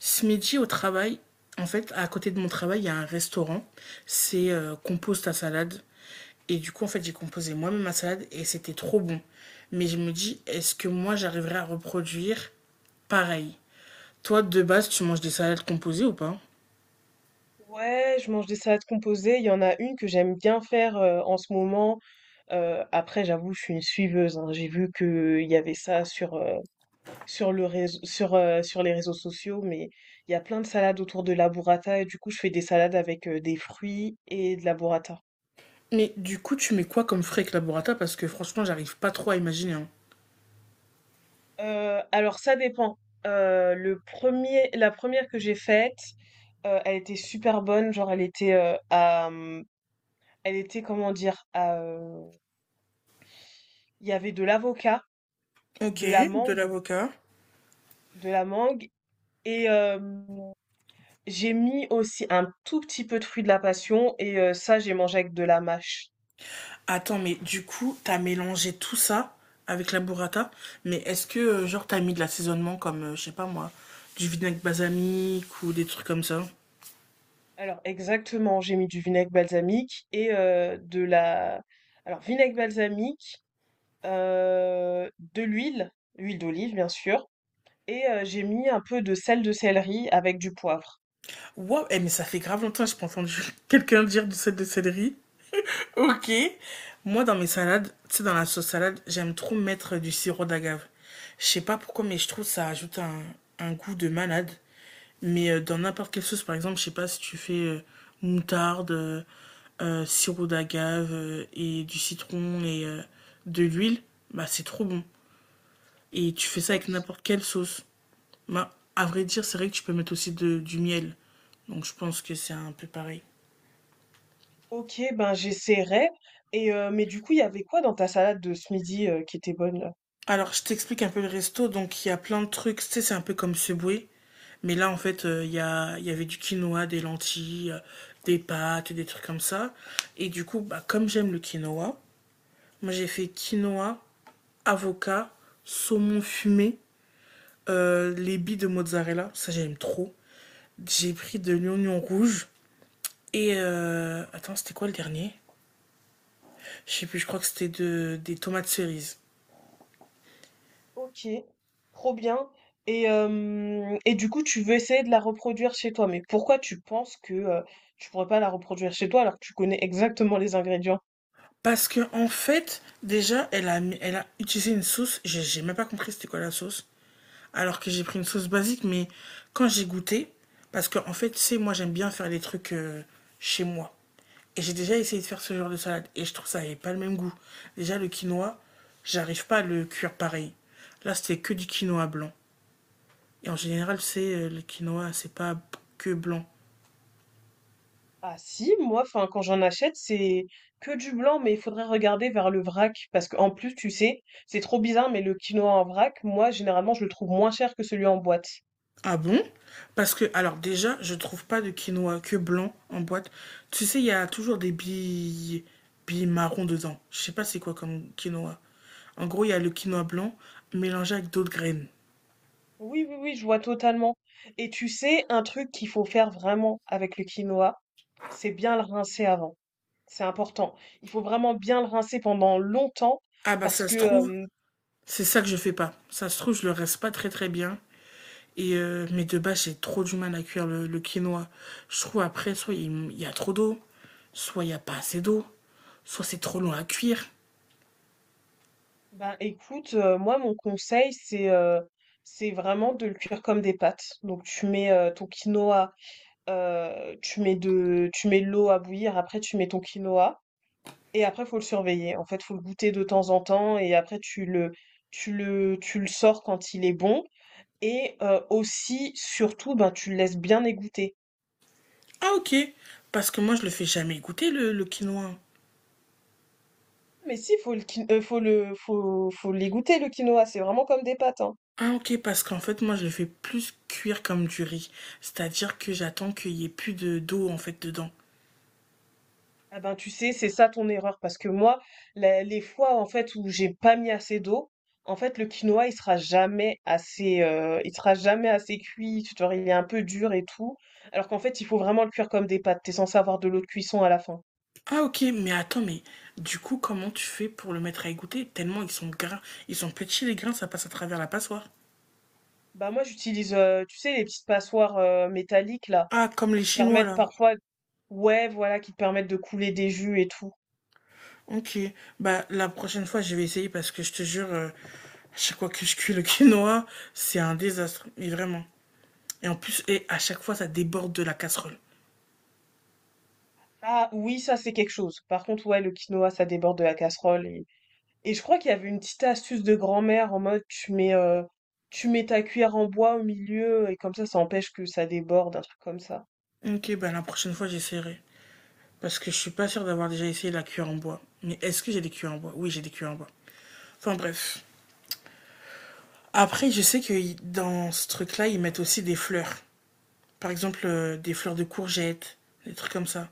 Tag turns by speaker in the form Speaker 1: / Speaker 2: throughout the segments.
Speaker 1: Ce midi au travail, en fait, à côté de mon travail, il y a un restaurant. C'est compose ta salade. Et du coup, en fait, j'ai composé moi-même ma salade et c'était trop bon. Mais je me dis, est-ce que moi, j'arriverai à reproduire pareil? Toi, de base, tu manges des salades composées ou pas?
Speaker 2: Ouais, je mange des salades composées. Il y en a une que j'aime bien faire en ce moment. Après, j'avoue, je suis une suiveuse, hein. J'ai vu qu'il y avait ça sur, sur, le réseau, sur, sur les réseaux sociaux, mais il y a plein de salades autour de la burrata. Et du coup, je fais des salades avec des fruits et de la burrata.
Speaker 1: Mais du coup, tu mets quoi comme frais avec la burrata? Parce que franchement, j'arrive pas trop à imaginer, hein.
Speaker 2: Alors, ça dépend. La première que j'ai faite, elle était super bonne. Genre, elle était à. Elle était, comment dire, il y avait de l'avocat.
Speaker 1: Ok,
Speaker 2: De la
Speaker 1: de
Speaker 2: mangue,
Speaker 1: l'avocat.
Speaker 2: de la mangue et hem, j'ai mis aussi un tout petit peu de fruit de la passion et ça, j'ai mangé avec de la mâche.
Speaker 1: Attends, mais du coup, t'as mélangé tout ça avec la burrata, mais est-ce que, genre, t'as mis de l'assaisonnement comme, je sais pas moi, du vinaigre balsamique ou des trucs comme ça?
Speaker 2: Alors exactement, j'ai mis du vinaigre balsamique et de la alors vinaigre balsamique, de l'huile, huile d'olive bien sûr et j'ai mis un peu de sel de céleri avec du poivre.
Speaker 1: Wow eh, mais ça fait grave longtemps que j'ai pas entendu quelqu'un dire du sel de céleri. Ok. Moi, dans mes salades, tu sais, dans la sauce salade, j'aime trop mettre du sirop d'agave. Je sais pas pourquoi, mais je trouve que ça ajoute un goût de malade. Mais dans n'importe quelle sauce, par exemple, je sais pas si tu fais moutarde, sirop d'agave et du citron et de l'huile, bah c'est trop bon. Et tu fais ça avec
Speaker 2: OK.
Speaker 1: n'importe quelle sauce. Bah, à vrai dire, c'est vrai que tu peux mettre aussi du miel. Donc je pense que c'est un peu pareil.
Speaker 2: OK, ben j'essaierai et mais du coup, il y avait quoi dans ta salade de ce midi, qui était bonne?
Speaker 1: Alors, je t'explique un peu le resto. Donc, il y a plein de trucs. Tu sais, c'est un peu comme Subway. Mais là, en fait, il y avait du quinoa, des lentilles, des pâtes, des trucs comme ça. Et du coup, bah, comme j'aime le quinoa, moi, j'ai fait quinoa, avocat, saumon fumé, les billes de mozzarella. Ça, j'aime trop. J'ai pris de l'oignon rouge. Et... attends, c'était quoi le dernier? Je sais plus, je crois que c'était des tomates cerises.
Speaker 2: Ok, trop bien. Et du coup, tu veux essayer de la reproduire chez toi. Mais pourquoi tu penses que tu pourrais pas la reproduire chez toi alors que tu connais exactement les ingrédients?
Speaker 1: Parce que en fait, déjà, elle a utilisé une sauce. J'ai même pas compris c'était quoi la sauce. Alors que j'ai pris une sauce basique, mais quand j'ai goûté, parce que en fait, tu sais, moi j'aime bien faire les trucs chez moi. Et j'ai déjà essayé de faire ce genre de salade. Et je trouve que ça n'avait pas le même goût. Déjà, le quinoa, j'arrive pas à le cuire pareil. Là, c'était que du quinoa blanc. Et en général, c'est le quinoa, c'est pas que blanc.
Speaker 2: Ah si, moi, enfin, quand j'en achète, c'est que du blanc, mais il faudrait regarder vers le vrac. Parce qu'en plus, tu sais, c'est trop bizarre, mais le quinoa en vrac, moi, généralement, je le trouve moins cher que celui en boîte.
Speaker 1: Ah bon? Parce que, alors déjà, je trouve pas de quinoa que blanc en boîte. Tu sais, il y a toujours des billes, billes marron dedans. Je sais pas c'est quoi comme quinoa. En gros, il y a le quinoa blanc mélangé avec d'autres graines.
Speaker 2: Oui, oui, oui, je vois totalement. Et tu sais, un truc qu'il faut faire vraiment avec le quinoa, c'est bien le rincer avant. C'est important. Il faut vraiment bien le rincer pendant longtemps
Speaker 1: Ah bah
Speaker 2: parce
Speaker 1: ça se
Speaker 2: que,
Speaker 1: trouve,
Speaker 2: hem,
Speaker 1: c'est ça que je fais pas. Ça se trouve, je le reste pas très très bien. Et mais de base, j'ai trop du mal à cuire le quinoa. Je trouve après, soit il y a trop d'eau, soit il y a pas assez d'eau, soit c'est trop long à cuire.
Speaker 2: ben, écoute, moi, mon conseil, c'est vraiment de le cuire comme des pâtes. Donc tu mets, ton quinoa, tu mets de l'eau à bouillir, après tu mets ton quinoa et après faut le surveiller. En fait, faut le goûter de temps en temps et après tu le sors quand il est bon et aussi, surtout, ben, tu le laisses bien égoutter.
Speaker 1: Ah ok, parce que moi je le fais jamais goûter le quinoa.
Speaker 2: Mais si, faut les goûter le quinoa, c'est vraiment comme des pâtes, hein.
Speaker 1: Ah ok, parce qu'en fait, moi, je le fais plus cuire comme du riz. C'est-à-dire que j'attends qu'il y ait plus de d'eau, en fait, dedans.
Speaker 2: Ah ben, tu sais, c'est ça ton erreur parce que moi, la les fois, en fait, où j'ai pas mis assez d'eau, en fait, le quinoa, il sera jamais assez cuit, tu vois? Il est un peu dur et tout, alors qu'en fait, il faut vraiment le cuire comme des pâtes. T'es censé avoir de l'eau de cuisson à la fin.
Speaker 1: Ah ok, mais attends, mais du coup, comment tu fais pour le mettre à égoutter? Tellement ils sont gras. Ils sont petits, les grains, ça passe à travers la passoire.
Speaker 2: Bah, moi, j'utilise, tu sais, les petites passoires, métalliques là,
Speaker 1: Ah, comme les
Speaker 2: qui te
Speaker 1: Chinois,
Speaker 2: permettent
Speaker 1: là.
Speaker 2: parfois ouais, voilà, qui te permettent de couler des jus et tout.
Speaker 1: Ok, bah la prochaine fois, je vais essayer parce que je te jure, à chaque fois que je cuis le quinoa, c'est un désastre, mais vraiment. Et en plus, et à chaque fois, ça déborde de la casserole.
Speaker 2: Ah oui, ça c'est quelque chose. Par contre, ouais, le quinoa, ça déborde de la casserole. Et je crois qu'il y avait une petite astuce de grand-mère en mode tu mets ta cuillère en bois au milieu et comme ça empêche que ça déborde, un truc comme ça.
Speaker 1: Ok, bah la prochaine fois, j'essaierai. Parce que je suis pas sûre d'avoir déjà essayé la cuillère en bois. Mais est-ce que j'ai des cuillères en bois? Oui, j'ai des cuillères en bois. Enfin bref. Après, je sais que dans ce truc-là, ils mettent aussi des fleurs. Par exemple, des fleurs de courgettes, des trucs comme ça.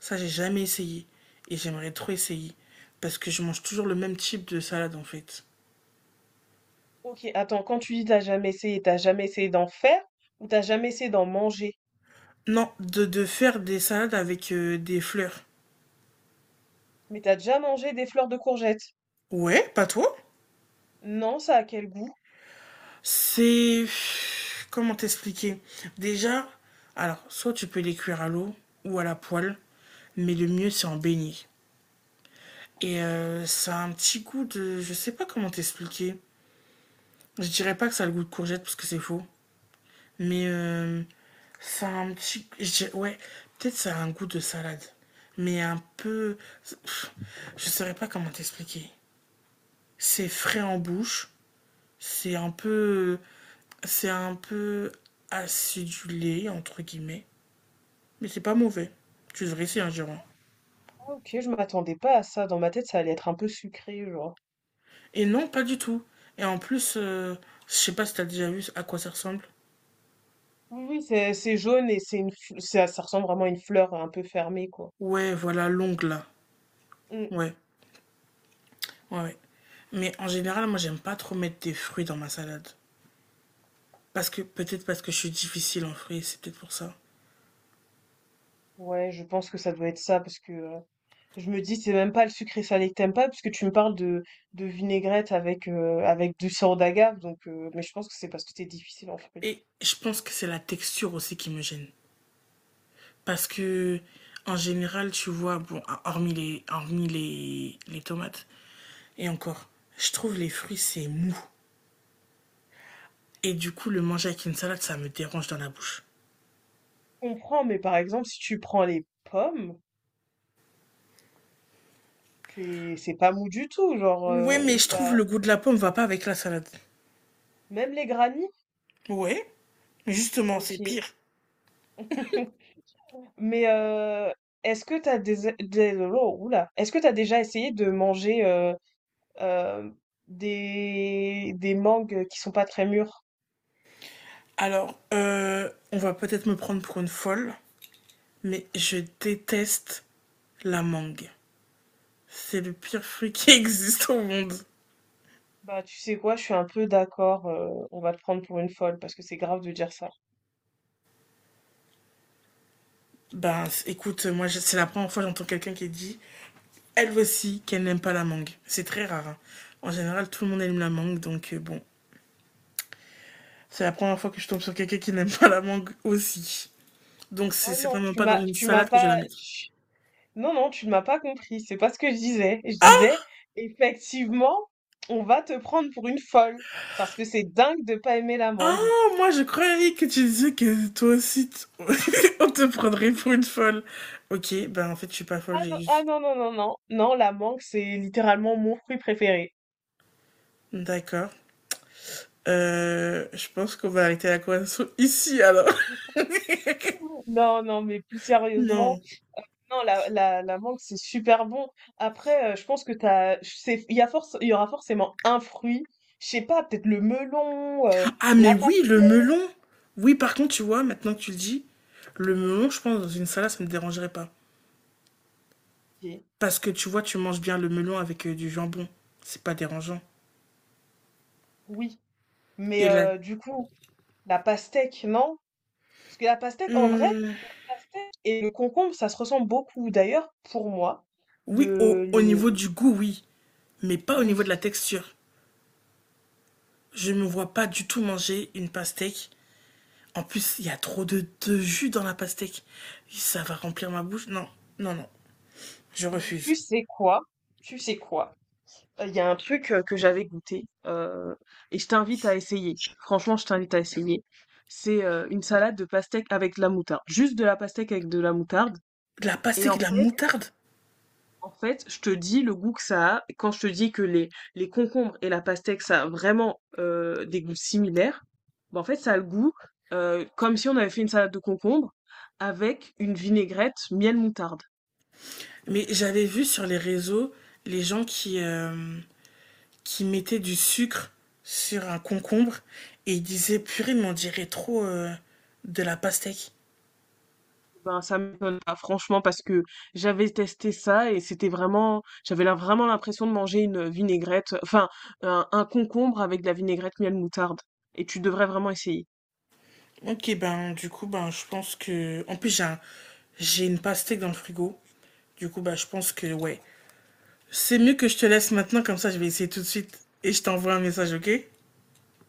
Speaker 1: Ça, j'ai jamais essayé. Et j'aimerais trop essayer. Parce que je mange toujours le même type de salade, en fait.
Speaker 2: Ok, attends, quand tu dis t'as jamais essayé d'en faire ou t'as jamais essayé d'en manger?
Speaker 1: Non, de faire des salades avec des fleurs.
Speaker 2: Mais t'as déjà mangé des fleurs de courgettes?
Speaker 1: Ouais, pas toi?
Speaker 2: Non, ça a quel goût?
Speaker 1: C'est. Comment t'expliquer? Déjà, alors, soit tu peux les cuire à l'eau ou à la poêle, mais le mieux c'est en beignet. Et ça a un petit goût de. Je sais pas comment t'expliquer. Je dirais pas que ça a le goût de courgette parce que c'est faux. Mais ça a un petit. Je dirais- Ouais, peut-être ça a un goût de salade. Mais un peu. Pff, je saurais pas comment t'expliquer. C'est frais en bouche. C'est un peu. C'est un peu acidulé, entre guillemets. Mais c'est pas mauvais. Tu devrais essayer un giron.
Speaker 2: Ah, Ok, je m'attendais pas à ça. Dans ma tête, ça allait être un peu sucré, genre.
Speaker 1: Et non, pas du tout. Et en plus, je sais pas si t'as déjà vu à quoi ça ressemble.
Speaker 2: Oui, oui, c'est jaune et c'est une, ça, ça ressemble vraiment à une fleur un peu fermée, quoi.
Speaker 1: Ouais, voilà, l'ongle là.
Speaker 2: Mm.
Speaker 1: Ouais, ouais, ouais. Mais en général, moi, j'aime pas trop mettre des fruits dans ma salade. Parce que, peut-être parce que je suis difficile en fruits, c'est peut-être pour ça.
Speaker 2: Ouais, je pense que ça doit être ça parce que je me dis c'est même pas le sucré salé que t'aimes pas puisque tu me parles de vinaigrette avec avec du sirop d'agave donc mais je pense que c'est parce que c'est difficile en fait.
Speaker 1: Et je pense que c'est la texture aussi qui me gêne. Parce que, en général, tu vois, bon, hormis les tomates, et encore, je trouve les fruits, c'est mou. Et du coup, le manger avec une salade, ça me dérange dans la bouche.
Speaker 2: Je comprends mais par exemple si tu prends les pommes, c'est pas mou du tout genre
Speaker 1: Ouais, mais
Speaker 2: et
Speaker 1: je trouve
Speaker 2: ça
Speaker 1: le goût de la pomme va pas avec la salade.
Speaker 2: même les granits,
Speaker 1: Ouais, mais justement, c'est
Speaker 2: OK.
Speaker 1: pire.
Speaker 2: Mais est-ce que t'as déjà essayé de manger euh, des mangues qui sont pas très mûres?
Speaker 1: Alors, on va peut-être me prendre pour une folle, mais je déteste la mangue. C'est le pire fruit qui existe au monde.
Speaker 2: Bah, tu sais quoi, je suis un peu d'accord, on va te prendre pour une folle parce que c'est grave de dire ça.
Speaker 1: Ben, écoute, moi, c'est la première fois que j'entends quelqu'un qui dit elle aussi qu'elle n'aime pas la mangue. C'est très rare, hein. En général, tout le monde aime la mangue, donc bon. C'est la première fois que je tombe sur quelqu'un qui n'aime pas la mangue aussi. Donc c'est
Speaker 2: Ah non,
Speaker 1: certainement pas dans une
Speaker 2: tu m'as
Speaker 1: salade que je vais la
Speaker 2: pas,
Speaker 1: mettre.
Speaker 2: tu- non, non, tu ne m'as pas compris, c'est pas ce que je disais. Je
Speaker 1: Ah,
Speaker 2: disais, effectivement, on va te prendre pour une folle parce que c'est dingue de pas aimer la
Speaker 1: ah,
Speaker 2: mangue.
Speaker 1: moi je croyais que tu disais que toi aussi on te prendrait pour une folle. Ok, ben en fait je suis pas folle,
Speaker 2: Ah
Speaker 1: j'ai
Speaker 2: non, ah
Speaker 1: juste...
Speaker 2: non, non, non, non, non, la mangue, c'est littéralement mon fruit préféré.
Speaker 1: D'accord. Je pense qu'on va arrêter la conversation ici alors.
Speaker 2: Non, non, mais plus sérieusement,
Speaker 1: Non.
Speaker 2: non, la mangue, c'est super bon. Après, je pense que t'as, c'est, il y a force, il y aura forcément un fruit, je sais pas, peut-être le melon,
Speaker 1: Ah mais
Speaker 2: la
Speaker 1: oui, le
Speaker 2: pastèque,
Speaker 1: melon. Oui, par contre, tu vois, maintenant que tu le dis, le melon, je pense, dans une salade, ça ne me dérangerait pas. Parce que tu vois, tu manges bien le melon avec du jambon. C'est pas dérangeant.
Speaker 2: oui, mais
Speaker 1: Et la...
Speaker 2: du coup, la pastèque, non? Parce que la pastèque, en vrai,
Speaker 1: Hmm,
Speaker 2: la pastèque et le concombre, ça se ressemble beaucoup. D'ailleurs, pour moi,
Speaker 1: oui, au,
Speaker 2: le,
Speaker 1: au
Speaker 2: le,
Speaker 1: niveau du goût, oui. Mais pas au niveau de
Speaker 2: oui,
Speaker 1: la texture. Je me vois pas du tout manger une pastèque. En plus, il y a trop de jus dans la pastèque. Ça va remplir ma bouche. Non, non, non. Je
Speaker 2: tu
Speaker 1: refuse.
Speaker 2: sais quoi? Tu sais quoi? Il y a un truc que j'avais goûté et je t'invite à essayer. Franchement, je t'invite à essayer. C'est une salade de pastèque avec de la moutarde. Juste de la pastèque avec de la moutarde.
Speaker 1: De la
Speaker 2: Et
Speaker 1: pastèque,
Speaker 2: en
Speaker 1: et de la
Speaker 2: fait,
Speaker 1: moutarde.
Speaker 2: en fait, je te dis le goût que ça a. Quand je te dis que les concombres et la pastèque, ça a vraiment des goûts similaires, bah, en fait, ça a le goût comme si on avait fait une salade de concombres avec une vinaigrette miel moutarde.
Speaker 1: Mais j'avais vu sur les réseaux les gens qui mettait du sucre sur un concombre et il disait purée mais on dirait trop de la pastèque.
Speaker 2: Ben, ça m'étonne pas, franchement, parce que j'avais testé ça et c'était vraiment, j'avais là vraiment l'impression de manger une vinaigrette, enfin, un concombre avec de la vinaigrette miel moutarde. Et tu devrais vraiment essayer.
Speaker 1: Ok ben du coup ben je pense que en plus j'ai une pastèque dans le frigo. Du coup ben je pense que ouais. C'est mieux que je te laisse maintenant comme ça je vais essayer tout de suite et je t'envoie un message ok?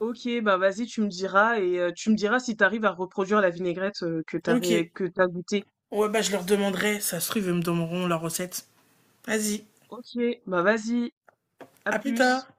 Speaker 2: Ok, ben vas-y, tu me diras et tu me diras si t'arrives à reproduire la vinaigrette
Speaker 1: Ok.
Speaker 2: que t'as goûtée.
Speaker 1: Ouais bah je leur demanderai, ça se trouve ils me donneront la recette. Vas-y,
Speaker 2: Ok, bah vas-y, à
Speaker 1: à plus tard.
Speaker 2: plus.